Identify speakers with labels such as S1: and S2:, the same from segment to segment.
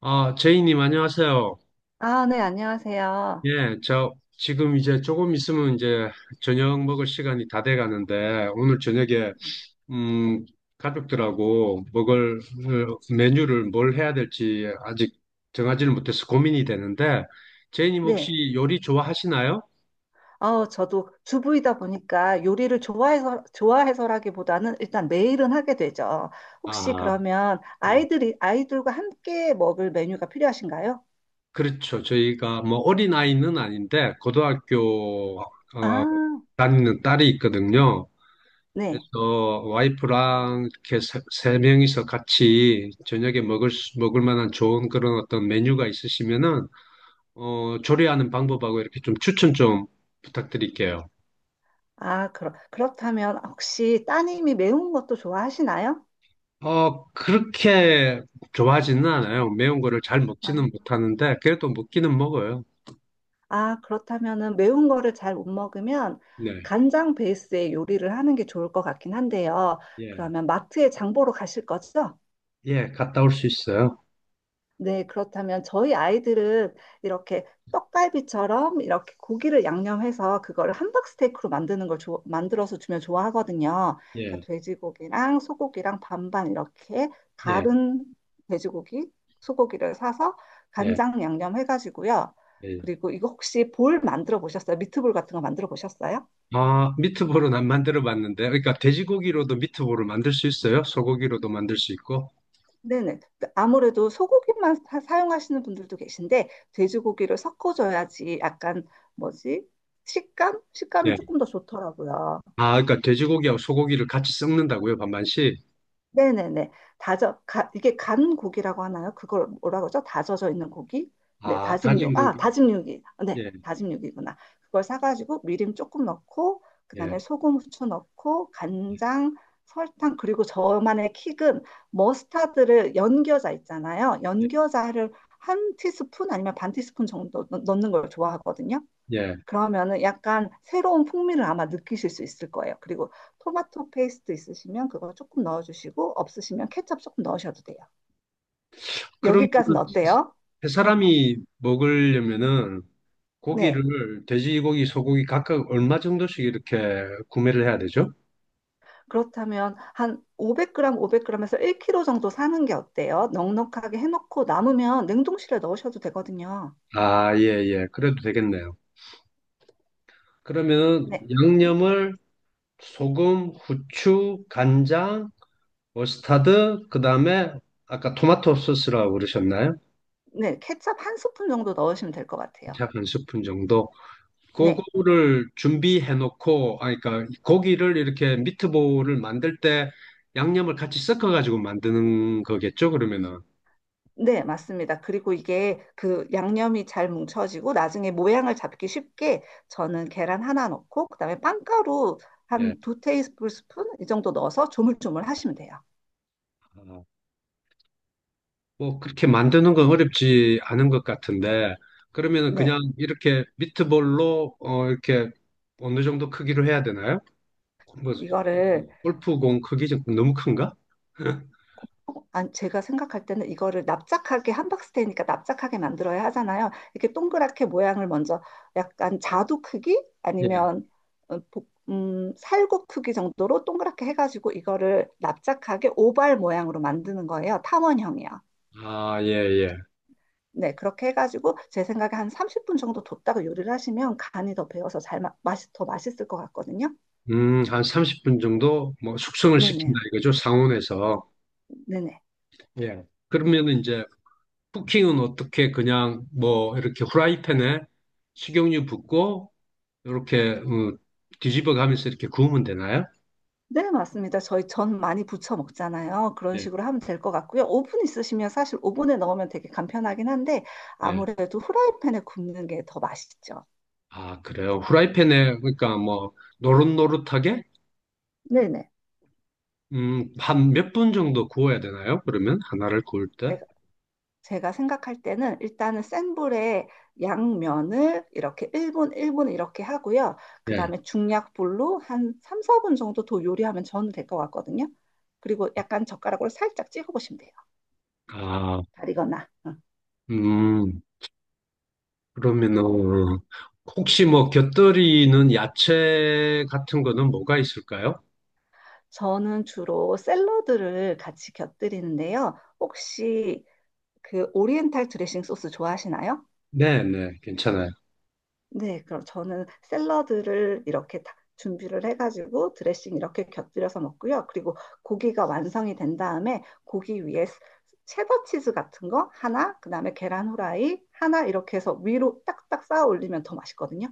S1: 아, 제이님, 안녕하세요.
S2: 아, 네, 안녕하세요.
S1: 예, 저 지금 이제 조금 있으면 이제 저녁 먹을 시간이 다돼 가는데 오늘 저녁에
S2: 네.
S1: 음, 가족들하고 먹을 메뉴를 뭘 해야 될지 아직 정하지는 못해서 고민이 되는데 제이님 혹시
S2: 네.
S1: 요리 좋아하시나요?
S2: 어, 저도 주부이다 보니까 요리를 좋아해서라기보다는 일단 매일은 하게 되죠. 혹시
S1: 아,
S2: 그러면
S1: 예.
S2: 아이들과 함께 먹을 메뉴가 필요하신가요?
S1: 그렇죠. 저희가 뭐 어린아이는 아닌데 고등학교
S2: 아,
S1: 다니는 딸이 있거든요.
S2: 네.
S1: 그래서 와이프랑 이렇게 세 명이서 같이 저녁에 먹을 만한 좋은 그런 어떤 메뉴가 있으시면은 조리하는 방법하고 이렇게 좀 추천 좀 부탁드릴게요.
S2: 아, 그렇다면 혹시 따님이 매운 것도 좋아하시나요?
S1: 그렇게 좋아하지는 않아요. 매운 거를 잘
S2: 아,
S1: 먹지는 못하는데 그래도 먹기는 먹어요.
S2: 아, 그렇다면은 매운 거를 잘 못 먹으면
S1: 네.
S2: 간장 베이스의 요리를 하는 게 좋을 것 같긴 한데요.
S1: 예.
S2: 그러면 마트에 장 보러 가실 거죠?
S1: 예, 갔다 올 수 있어요.
S2: 네, 그렇다면 저희 아이들은 이렇게 떡갈비처럼 이렇게 고기를 양념해서 그거를 함박스테이크로 만드는 걸 만들어서 주면 좋아하거든요.
S1: 예.
S2: 그러니까 돼지고기랑 소고기랑 반반 이렇게
S1: 예.
S2: 다른 돼지고기, 소고기를 사서
S1: 예.
S2: 간장 양념 해가지고요.
S1: 예.
S2: 그리고 이거 혹시 볼 만들어 보셨어요? 미트볼 같은 거 만들어 보셨어요?
S1: 아, 미트볼은 안 만들어 봤는데 그러니까 돼지고기로도 미트볼을 만들 수 있어요? 소고기로도 만들 수 있고.
S2: 네네. 아무래도 소고기만 사용하시는 분들도 계신데, 돼지고기를 섞어줘야지 약간, 뭐지? 식감? 식감이
S1: 예.
S2: 조금 더 좋더라고요.
S1: 아, 그러니까 돼지고기하고 소고기를 같이 섞는다고요, 반반씩?
S2: 네네네. 이게 간 고기라고 하나요? 그걸 뭐라고 그러죠? 다져져 있는 고기? 네,
S1: 아, 다진
S2: 다짐육. 아,
S1: 고기.
S2: 다짐육이. 네,
S1: 예,
S2: 다짐육이구나. 그걸 사가지고 미림 조금 넣고, 그
S1: 예,
S2: 다음에 소금, 후추 넣고, 간장, 설탕, 그리고 저만의 킥은 머스타드를 연겨자 있잖아요.
S1: 예,
S2: 연겨자를 한 티스푼 아니면 반 티스푼 정도 넣는 걸 좋아하거든요.
S1: 예.
S2: 그러면은 약간 새로운 풍미를 아마 느끼실 수 있을 거예요. 그리고 토마토 페이스트 있으시면 그거 조금 넣어주시고 없으시면 케첩 조금 넣으셔도 돼요.
S1: 그러면
S2: 여기까지는 어때요?
S1: 세
S2: 어,
S1: 사람이 먹으려면은
S2: 네.
S1: 고기를 돼지고기, 소고기 각각 얼마 정도씩 이렇게 구매를 해야 되죠?
S2: 그렇다면 한 500g, 500g에서 1kg 정도 사는 게 어때요? 넉넉하게 해놓고 남으면 냉동실에 넣으셔도 되거든요.
S1: 아, 예, 예. 그래도 되겠네요. 그러면
S2: 네. 네,
S1: 양념을 소금, 후추, 간장, 머스타드, 그다음에 아까 토마토 소스라고 그러셨나요?
S2: 네. 케첩 한 스푼 정도 넣으시면 될 것 같아요.
S1: 약 한 스푼 정도.
S2: 네.
S1: 그거를 준비해 놓고, 아, 그러니까 고기를 이렇게 미트볼을 만들 때 양념을 같이 섞어가지고 만드는 거겠죠, 그러면은.
S2: 네, 맞습니다. 그리고 이게 그 양념이 잘 뭉쳐지고 나중에 모양을 잡기 쉽게 저는 계란 하나 넣고 그다음에 빵가루
S1: 예.
S2: 한 두 테이블 스푼 이 정도 넣어서 조물조물 하시면 돼요.
S1: 아, 뭐 그렇게 만드는 건 어렵지 않은 것 같은데, 그러면은 그냥
S2: 네.
S1: 이렇게 미트볼로, 이렇게 어느 정도 크기로 해야 되나요? 뭐,
S2: 이거를
S1: 골프공 크기 좀 너무 큰가?
S2: 어, 제가 생각할 때는 이거를 납작하게 함박스테이니까 납작하게 만들어야 하잖아요. 이렇게 동그랗게 모양을 먼저 약간 자두 크기
S1: 예.
S2: 아니면 어, 살구 크기 정도로 동그랗게 해가지고 이거를 납작하게 오발 모양으로 만드는 거예요. 탐원형이요.
S1: 아, 예, 예.
S2: 네, 그렇게 해가지고 제 생각에 한 30분 정도 뒀다가 요리를 하시면 간이 더 배어서 맛이 더 맛있을 것 같거든요.
S1: 한 30분 정도 뭐 숙성을
S2: 네네,
S1: 시킨다 이거죠, 상온에서.
S2: 네네.
S1: 예. 그러면은 이제 쿠킹은 어떻게 그냥 뭐 이렇게 후라이팬에 식용유 붓고 이렇게 음, 뒤집어 가면서 이렇게 구우면 되나요?
S2: 네, 맞습니다. 저희 전 많이 부쳐 먹잖아요. 그런
S1: 예,
S2: 식으로 하면 될 것 같고요. 오븐 있으시면 사실 오븐에 넣으면 되게 간편하긴 한데
S1: 예.
S2: 아무래도 후라이팬에 굽는 게 더 맛있죠.
S1: 아, 그래요. 후라이팬에 그러니까 뭐 노릇노릇하게
S2: 네네.
S1: 한 몇 분 정도 구워야 되나요? 그러면 하나를 구울
S2: 네,
S1: 때?
S2: 제가 생각할 때는 일단은 센 불에 양면을 이렇게 1분, 1분 이렇게 하고요. 그
S1: 예.
S2: 다음에 중약불로 한 3, 4분 정도 더 요리하면 저는 될 것 같거든요. 그리고 약간 젓가락으로 살짝 찍어보시면 돼요.
S1: 아,
S2: 다리거나. 응.
S1: 음, 그러면은 혹시 뭐 곁들이는 야채 같은 거는 뭐가 있을까요?
S2: 저는 주로 샐러드를 같이 곁들이는데요. 혹시 그 오리엔탈 드레싱 소스 좋아하시나요?
S1: 네, 네, 괜찮아요.
S2: 네, 그럼 저는 샐러드를 이렇게 다 준비를 해가지고 드레싱 이렇게 곁들여서 먹고요. 그리고 고기가 완성이 된 다음에 고기 위에 체더 치즈 같은 거 하나, 그다음에 계란 후라이 하나 이렇게 해서 위로 딱딱 쌓아 올리면 더 맛있거든요.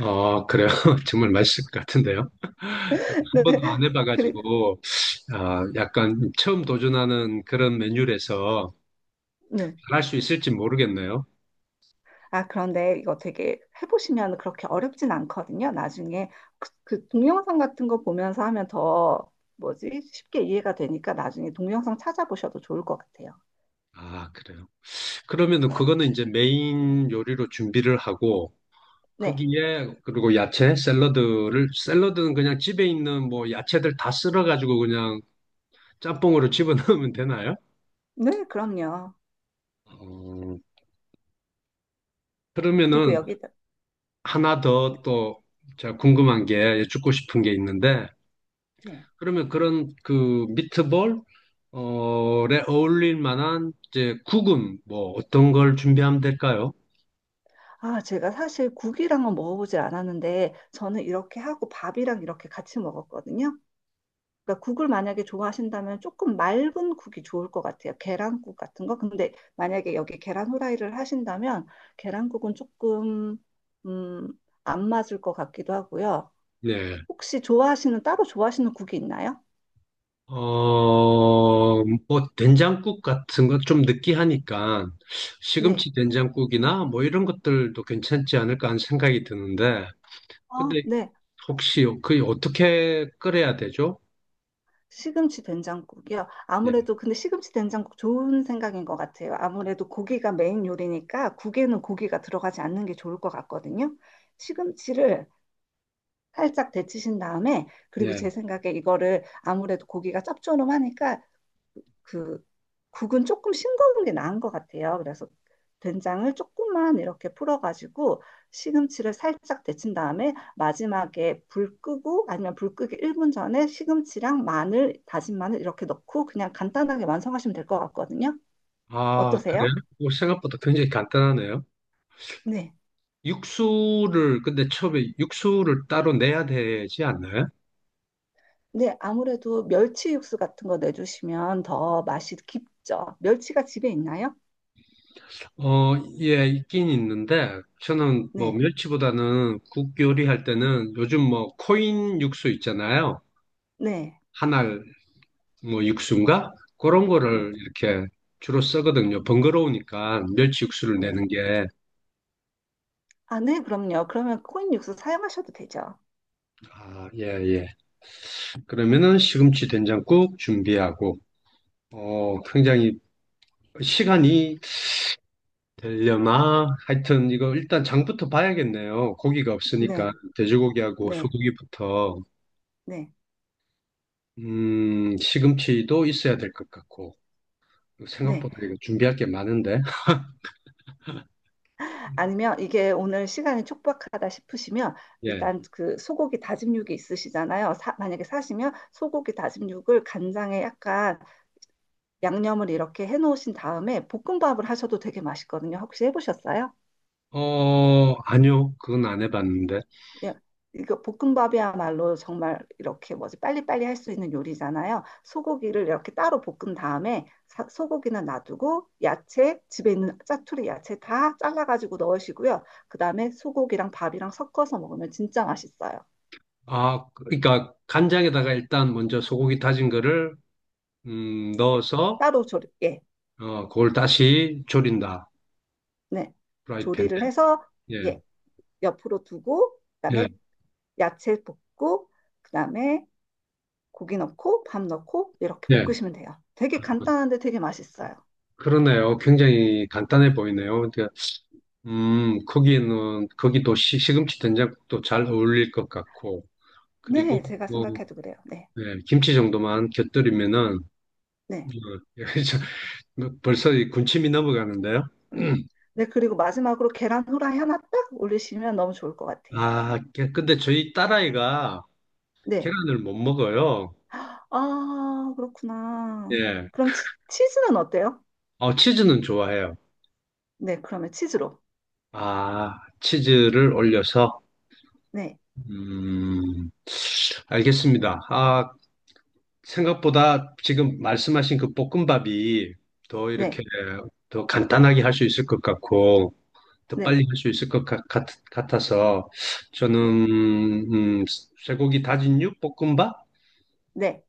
S1: 아, 그래요. 정말 맛있을 것 같은데요. 한
S2: 네,
S1: 번도 안
S2: 그리,
S1: 해봐가지고 아, 약간 처음 도전하는 그런 메뉴라서
S2: 네.
S1: 잘할 수 있을지 모르겠네요.
S2: 아, 그런데 이거 되게 해보시면 그렇게 어렵진 않거든요. 나중에 그 동영상 같은 거 보면서 하면 더 뭐지? 쉽게 이해가 되니까 나중에 동영상 찾아보셔도 좋을 것 같아요.
S1: 아, 그래요. 그러면은 그거는 이제 메인 요리로 준비를 하고
S2: 네.
S1: 거기에 그리고 야채, 샐러드를 샐러드는 그냥 집에 있는 뭐 야채들 다 썰어가지고 그냥 짬뽕으로 집어넣으면 되나요?
S2: 네, 그럼요.
S1: 어,
S2: 그리고
S1: 그러면은
S2: 여기다,
S1: 하나 더 또 제가 궁금한 게 여쭙고 싶은 게 있는데
S2: 네.
S1: 그러면 그런 그 미트볼 어에 어울릴 만한 이제 국은 뭐 어떤 걸 준비하면 될까요?
S2: 아, 제가 사실 국이랑은 먹어보질 않았는데, 저는 이렇게 하고 밥이랑 이렇게 같이 먹었거든요. 그러니까 국을 만약에 좋아하신다면 조금 맑은 국이 좋을 것 같아요. 계란국 같은 거. 근데 만약에 여기 계란 후라이를 하신다면, 계란국은 조금, 음, 안 맞을 것 같기도 하고요.
S1: 네.
S2: 혹시 좋아하시는, 따로 좋아하시는 국이 있나요?
S1: 뭐 된장국 같은 거 좀 느끼하니까
S2: 네.
S1: 시금치 된장국이나 뭐 이런 것들도 괜찮지 않을까 하는 생각이 드는데
S2: 아,
S1: 근데
S2: 네.
S1: 혹시 그 어떻게 끓여야 되죠?
S2: 시금치 된장국이요.
S1: 예.
S2: 아무래도 근데 시금치 된장국 좋은 생각인 것 같아요. 아무래도 고기가 메인 요리니까 국에는 고기가 들어가지 않는 게 좋을 것 같거든요. 시금치를 살짝 데치신 다음에 그리고
S1: 예.
S2: 제 생각에 이거를 아무래도 고기가 짭조름하니까 그 국은 조금 싱거운 게 나은 것 같아요. 그래서 된장을 조금만 이렇게 풀어가지고 시금치를 살짝 데친 다음에 마지막에 불 끄고 아니면 불 끄기 1분 전에 시금치랑 마늘, 다진 마늘 이렇게 넣고 그냥 간단하게 완성하시면 될 것 같거든요.
S1: 아, 그래요?
S2: 어떠세요?
S1: 뭐 생각보다 굉장히 간단하네요.
S2: 네.
S1: 육수를, 근데 처음에 육수를 따로 내야 되지 않나요?
S2: 네, 아무래도 멸치 육수 같은 거 내주시면 더 맛이 깊죠. 멸치가 집에 있나요?
S1: 어, 예, 있긴 있는데, 저는 뭐
S2: 네,
S1: 멸치보다는 국 요리할 때는 요즘 뭐 코인 육수 있잖아요.
S2: 네,
S1: 한알 뭐 육수인가? 그런
S2: 음,
S1: 거를 이렇게 주로 쓰거든요. 번거로우니까 멸치 육수를 내는
S2: 네.
S1: 게.
S2: 아, 네, 그럼요. 그러면 코인 육수 사용하셔도 되죠.
S1: 아, 예, 예. 그러면은 시금치 된장국 준비하고, 어, 굉장히 시간이 되려나? 하여튼 이거 일단 장부터 봐야겠네요. 고기가 없으니까
S2: 네.
S1: 돼지고기하고
S2: 네,
S1: 소고기부터
S2: 네,
S1: 시금치도 있어야 될 것 같고
S2: 네.
S1: 생각보다 이거 준비할 게 많은데.
S2: 아니면 이게 오늘 시간이 촉박하다 싶으시면
S1: 예.
S2: 일단 그 소고기 다짐육이 있으시잖아요. 만약에 사시면 소고기 다짐육을 간장에 약간 양념을 이렇게 해놓으신 다음에 볶음밥을 하셔도 되게 맛있거든요. 혹시 해보셨어요?
S1: 어, 아니요. 그건 안 해봤는데.
S2: 예, 이거 볶음밥이야말로 정말 이렇게 뭐지 빨리빨리 할 수 있는 요리잖아요. 소고기를 이렇게 따로 볶은 다음에 소고기는 놔두고 야채 집에 있는 짜투리 야채 다 잘라가지고 넣으시고요. 그 다음에 소고기랑 밥이랑 섞어서 먹으면 진짜 맛있어요.
S1: 아, 그러니까 간장에다가 일단 먼저 소고기 다진 거를 넣어서
S2: 따로 조리 예,
S1: 어, 그걸 다시 조린다.
S2: 네
S1: 프라이팬에.
S2: 조리를 해서
S1: 예.
S2: 예 옆으로 두고
S1: 예.
S2: 그다음에 야채 볶고 그다음에 고기 넣고 밥 넣고 이렇게
S1: 예.
S2: 볶으시면 돼요. 되게 간단한데 되게 맛있어요.
S1: 그러네요. 굉장히 간단해 보이네요. 그러니까 거기도 시금치 된장국도 잘 어울릴 것 같고, 그리고
S2: 네, 제가
S1: 뭐,
S2: 생각해도 그래요. 네,
S1: 예, 김치 정도만 곁들이면은, 어,
S2: 네.
S1: 저- 뭐 벌써 이 군침이 넘어가는데요?
S2: 음, 네, 그리고 마지막으로 계란 후라이 하나 딱 올리시면 너무 좋을 것 같아요.
S1: 아, 깨- 근데 저희 딸아이가
S2: 네.
S1: 계란을 못 먹어요.
S2: 아, 그렇구나.
S1: 예.
S2: 그럼 치즈는 어때요?
S1: 어, 치즈는 좋아해요.
S2: 네, 그러면 치즈로.
S1: 아, 치즈를 올려서,
S2: 네,
S1: 음, 알겠습니다. 아, 생각보다 지금 말씀하신 그 볶음밥이 더 이렇게
S2: 네,
S1: 더 간단하게 할 수 있을 것 같고 더 빨리
S2: 네,
S1: 할 수 있을 것 같, 아서
S2: 네,
S1: 저는 음, 쇠고기 다진육 볶음밥에
S2: 네,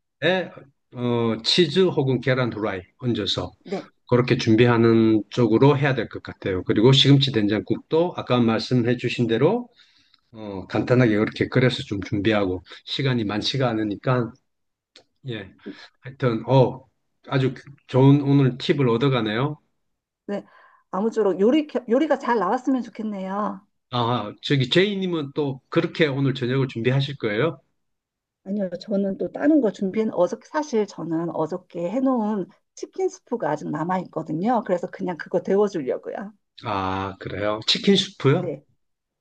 S1: 어, 치즈 혹은 계란 후라이 얹어서
S2: 네,
S1: 그렇게 준비하는 쪽으로 해야 될 것 같아요. 그리고 시금치 된장국도 아까 말씀해 주신 대로 어, 간단하게 이렇게 끓여서 좀 준비하고 시간이 많지가 않으니까 예. 하여튼, 어, 아주 좋은 오늘 팁을 얻어가네요.
S2: 네. 아무쪼록 요리가 잘 나왔으면 좋겠네요.
S1: 아, 저기 제이님은 또 그렇게 오늘 저녁을 준비하실 거예요?
S2: 아니요, 저는 또 다른 거 준비해, 어저께, 사실 저는 어저께 해놓은 치킨 스프가 아직 남아있거든요. 그래서 그냥 그거 데워주려고요.
S1: 아, 그래요. 치킨 수프요?
S2: 네,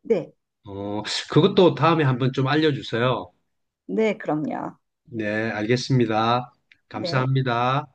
S2: 네.
S1: 어, 그것도 다음에 한번 좀 알려주세요.
S2: 네, 그럼요.
S1: 네, 알겠습니다.
S2: 네.
S1: 감사합니다.